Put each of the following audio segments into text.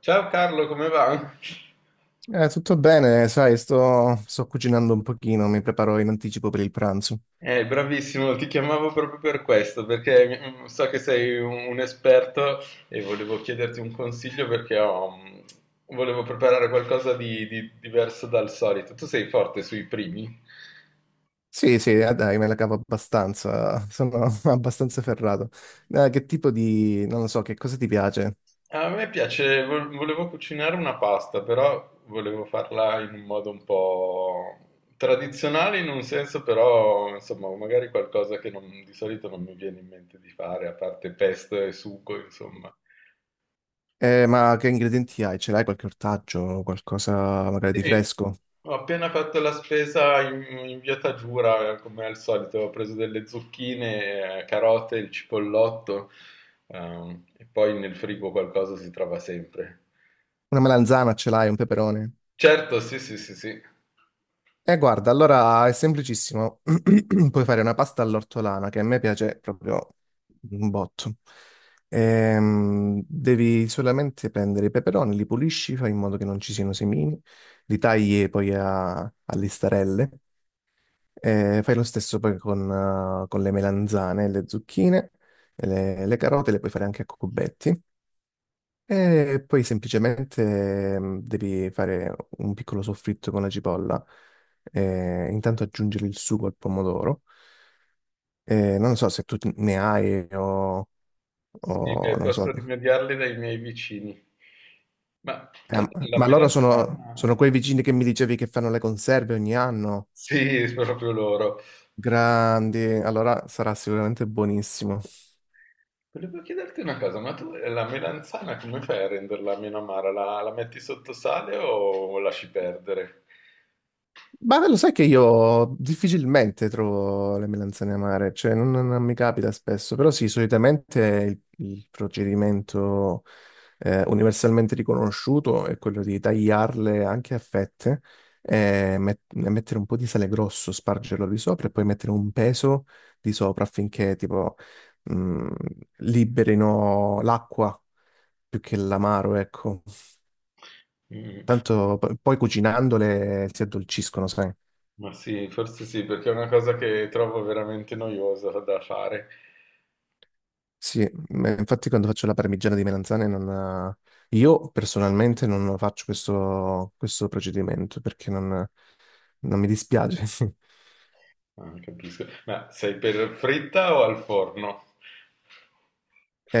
Ciao Carlo, come va? Tutto bene, sai, sto cucinando un pochino, mi preparo in anticipo per il pranzo. Bravissimo, ti chiamavo proprio per questo, perché so che sei un esperto e volevo chiederti un consiglio perché volevo preparare qualcosa di diverso dal solito. Tu sei forte sui primi? Sì, sì, dai, me la cavo abbastanza, sono abbastanza ferrato. Che tipo di, non lo so, che cosa ti piace? A me piace, volevo cucinare una pasta, però volevo farla in un modo un po' tradizionale in un senso, però insomma, magari qualcosa che di solito non mi viene in mente di fare, a parte pesto e sugo, insomma. Ma che ingredienti hai? Ce l'hai qualche ortaggio, qualcosa magari Sì, di sì. fresco? Ho appena fatto la spesa in via Taggiura, come al solito, ho preso delle zucchine, carote, il cipollotto, e poi nel frigo qualcosa si trova sempre. Una melanzana ce l'hai, un peperone? Certo, sì, sì, sì, sì, Guarda, allora è semplicissimo. Puoi fare una pasta all'ortolana che a me piace proprio un botto. Devi solamente prendere i peperoni, li pulisci, fai in modo che non ci siano semini, li tagli poi a listarelle. E fai lo stesso poi con le melanzane, le zucchine, e le carote, le puoi fare anche a cubetti. E poi semplicemente devi fare un piccolo soffritto con la cipolla, intanto aggiungere il sugo al pomodoro. Non so se tu ne hai sì, o beh, non so. posso rimediarle dai miei vicini. Ma tu la Ma loro sono, melanzana. sono quei vicini che mi dicevi che fanno le conserve ogni anno. Sì, proprio loro. Grandi, allora sarà sicuramente buonissimo. Volevo chiederti una cosa, ma tu la melanzana come fai a renderla meno amara? La metti sotto sale o lasci perdere? Ma lo sai che io difficilmente trovo le melanzane amare, cioè non mi capita spesso, però sì, solitamente il procedimento universalmente riconosciuto è quello di tagliarle anche a fette, e mettere un po' di sale grosso, spargerlo di sopra e poi mettere un peso di sopra affinché tipo mh, liberino l'acqua più che l'amaro, ecco. Mm. Tanto poi cucinandole si addolciscono, sai? Ma sì, forse sì, perché è una cosa che trovo veramente noiosa da fare. Sì, ma infatti quando faccio la parmigiana di melanzane non... Io personalmente non faccio questo procedimento perché non mi dispiace. Ah, capisco. Ma sei per fritta o al forno?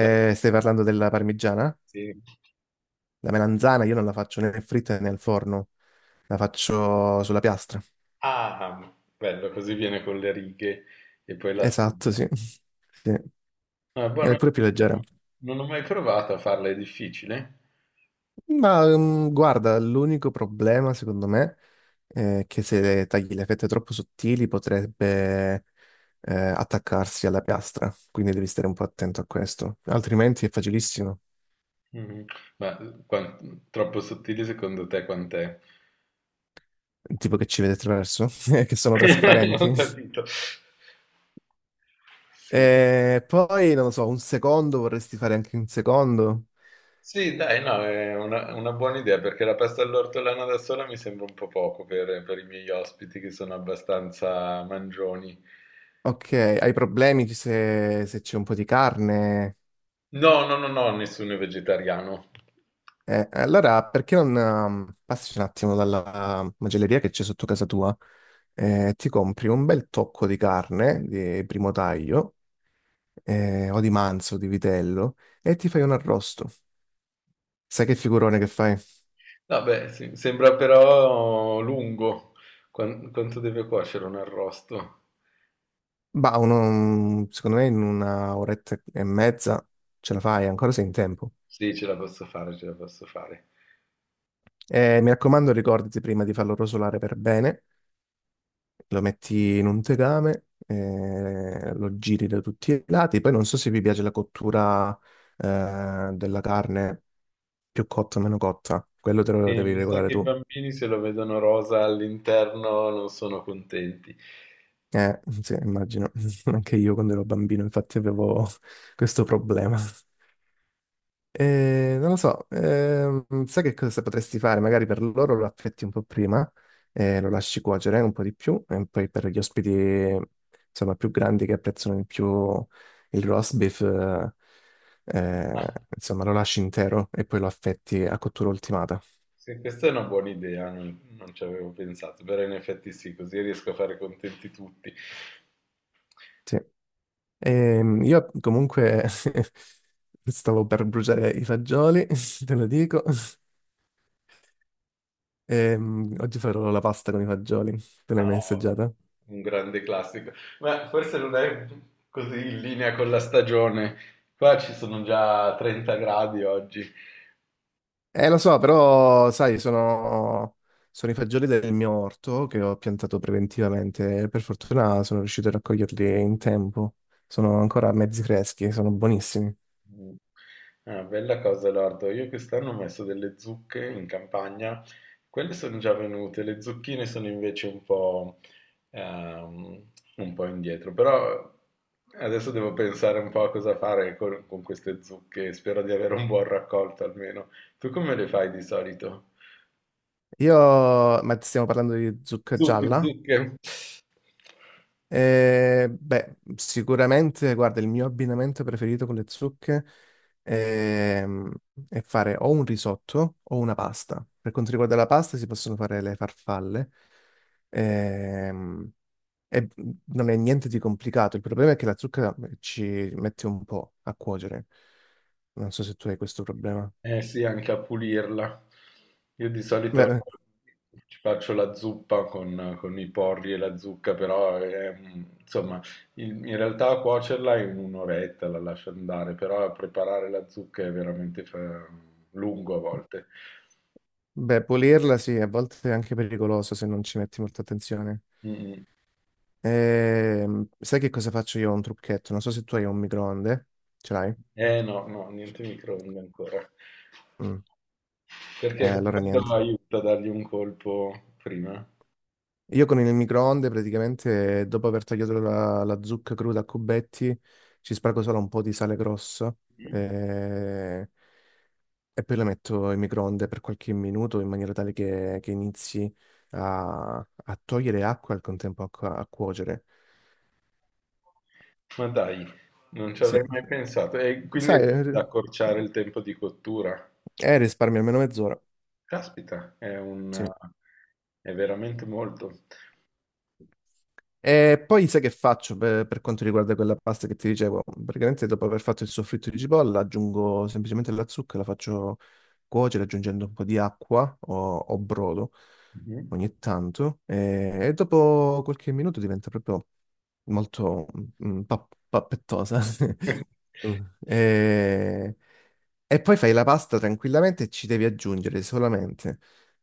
La- Stai parlando della parmigiana? Sì. La melanzana io non la faccio né fritta né al forno, la faccio sulla piastra. Ah, bello, così viene con le righe e poi la Esatto, stringi. sì. Sì. Ah, buono. È pure più leggera. Non ho mai provato a farla, è difficile. Guarda, l'unico problema secondo me è che se tagli le fette troppo sottili potrebbe attaccarsi alla piastra, quindi devi stare un po' attento a questo, altrimenti è facilissimo, Mm. Ma troppo sottile secondo te quant'è? tipo che ci vede attraverso, che sono Ho trasparenti. capito. Sì. E poi, non lo so, un secondo vorresti fare anche un secondo? Sì, dai, no, è una buona idea perché la pasta all'ortolano da sola mi sembra un po' poco per i miei ospiti che sono abbastanza mangioni. Ok, hai problemi se c'è un po' di carne? No, no, no, no, nessuno è vegetariano. Allora, perché non passi un attimo dalla macelleria che c'è sotto casa tua e ti compri un bel tocco di carne di primo taglio o di manzo, di vitello e ti fai un arrosto. Sai che figurone che fai? Vabbè, sì, sembra però lungo. Quanto deve cuocere un arrosto? Secondo me in una oretta e mezza ce la fai, ancora sei in tempo. Sì, ce la posso fare, ce la posso fare. Mi raccomando, ricordati prima di farlo rosolare per bene lo metti in un tegame, lo giri da tutti i lati. Poi non so se vi piace la cottura, della carne più cotta o meno cotta, quello te lo E devi mi sa regolare che i tu. bambini se lo vedono rosa all'interno non sono contenti. Sì, immagino, anche io quando ero bambino infatti avevo questo problema. Non lo so, sai che cosa potresti fare? Magari per loro lo affetti un po' prima, lo lasci cuocere un po' di più, e poi per gli ospiti, insomma, più grandi che apprezzano di più il roast beef, eh, Ah, insomma, lo lasci intero e poi lo affetti a cottura ultimata. sì, questa è una buona idea, non ci avevo pensato, però in effetti sì, così riesco a fare contenti tutti. Sì. Io comunque stavo per bruciare i fagioli, te lo dico. Oggi farò la pasta con i fagioli, te l'hai mai Ah, assaggiata? un grande classico, ma forse non è così in linea con la stagione. Qua ci sono già 30 gradi oggi. Lo so, però, sai, sono i fagioli del mio orto che ho piantato preventivamente. Per fortuna sono riuscito a raccoglierli in tempo. Sono ancora mezzi freschi, sono buonissimi. Mh. Ah, bella cosa lardo. Io quest'anno ho messo delle zucche in campagna, quelle sono già venute, le zucchine sono invece ehm, un po' indietro, però adesso devo pensare un po' a cosa fare con queste zucche, spero di avere un buon raccolto almeno. Tu come le fai di solito? Io, ma stiamo parlando di zucca Zucche, gialla? zucche. Beh, sicuramente, guarda, il mio abbinamento preferito con le zucche ehm, è fare o un risotto o una pasta. Per quanto riguarda la pasta, si possono fare le farfalle. Ehm, Non è niente di complicato, il problema è che la zucca ci mette un po' a cuocere. Non so se tu hai questo problema. Eh sì, anche a pulirla. Io di Beh, solito eh, ci faccio la zuppa con i porri e la zucca, però è, insomma, in realtà a cuocerla in un'oretta la lascio andare, però a preparare la zucca è veramente lungo a volte. Beh, pulirla sì, a volte è anche pericoloso se non ci metti molta attenzione. Mm. Sai che cosa faccio io? Ho un trucchetto, non so se tu hai un microonde, ce l'hai? Eh no, no, niente microonde ancora, Mm. Perché Allora quello niente. aiuta a dargli un colpo prima. Io con il microonde praticamente dopo aver tagliato la zucca cruda a cubetti ci spargo solo un po' di sale grosso. Mm. eh, E poi la metto in microonde per qualche minuto in maniera tale che inizi a togliere acqua e al contempo a, a cuocere. Ma dai, non ci Sì. avrei mai pensato. E quindi Sai, riesci ad accorciare il tempo di cottura. Risparmio almeno mezz'ora. Caspita, Sì. è veramente molto. E poi sai che faccio per quanto riguarda quella pasta che ti dicevo? Praticamente dopo aver fatto il soffritto di cipolla aggiungo semplicemente la zucca, la faccio cuocere aggiungendo un po' di acqua o brodo Mh-mh. ogni tanto e dopo qualche minuto diventa proprio molto pappettosa. Mm. E... e poi fai la pasta tranquillamente e ci devi aggiungere solamente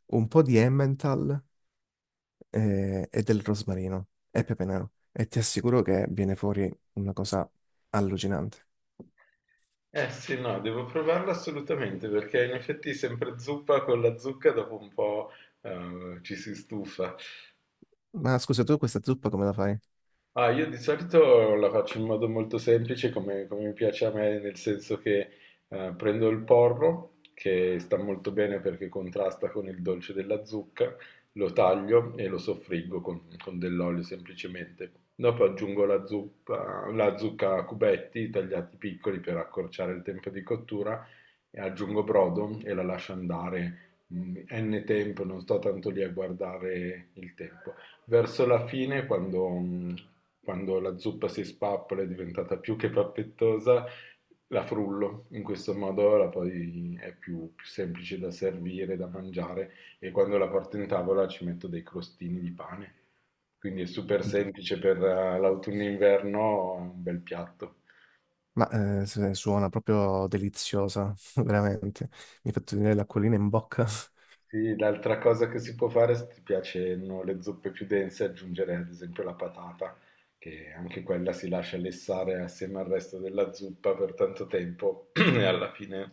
un po' di Emmental del rosmarino e pepe nero. E ti assicuro che viene fuori una cosa allucinante. Eh sì, no, devo provarlo assolutamente, perché in effetti sempre zuppa con la zucca dopo un po', ci si stufa. Ma scusa, tu questa zuppa come la fai? Ah, io di solito la faccio in modo molto semplice, come mi piace a me, nel senso che prendo il porro, che sta molto bene perché contrasta con il dolce della zucca, lo taglio e lo soffriggo con dell'olio semplicemente. Dopo aggiungo la zucca a cubetti tagliati piccoli per accorciare il tempo di cottura e aggiungo brodo e la lascio andare n tempo, non sto tanto lì a guardare il tempo. Verso la fine, quando la zuppa si spappola è diventata più che pappettosa, la frullo, in questo modo la poi è più semplice da servire, da mangiare e quando la porto in tavola ci metto dei crostini di pane. Quindi è super D- semplice per l'autunno-inverno, è un bel piatto. Ma Suona proprio deliziosa, veramente. Mi hai fatto venire l'acquolina in bocca. Sì, l'altra cosa che si può fare, se ti piacciono le zuppe più dense, è aggiungere ad esempio la patata, che anche quella si lascia lessare assieme al resto della zuppa per tanto tempo e alla fine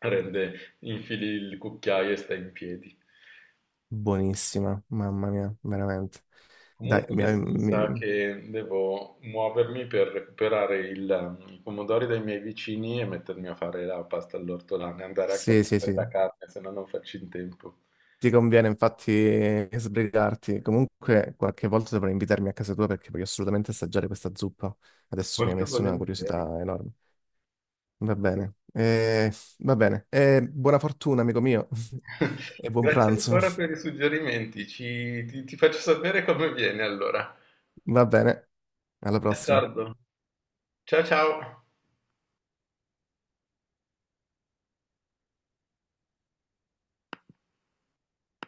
rende, infili il cucchiaio e sta in piedi. Buonissima, mamma mia, veramente. Dai, Comunque mi- adesso mi sa mi- che devo muovermi per recuperare i pomodori dai miei vicini e mettermi a fare la pasta all'ortolano e andare anche a sì, sì, prendere sì. la carne, se no non faccio in tempo. Ti conviene infatti sbrigarti. Comunque, qualche volta dovrai invitarmi a casa tua perché voglio assolutamente assaggiare questa zuppa. Adesso mi hai Molto messo una volentieri. curiosità enorme. Va bene, Eh, Va bene. Buona fortuna, amico mio, e buon Grazie pranzo. ancora per i suggerimenti, ti faccio sapere come viene allora. Va bene, alla prossima. D'accordo. Ciao ciao.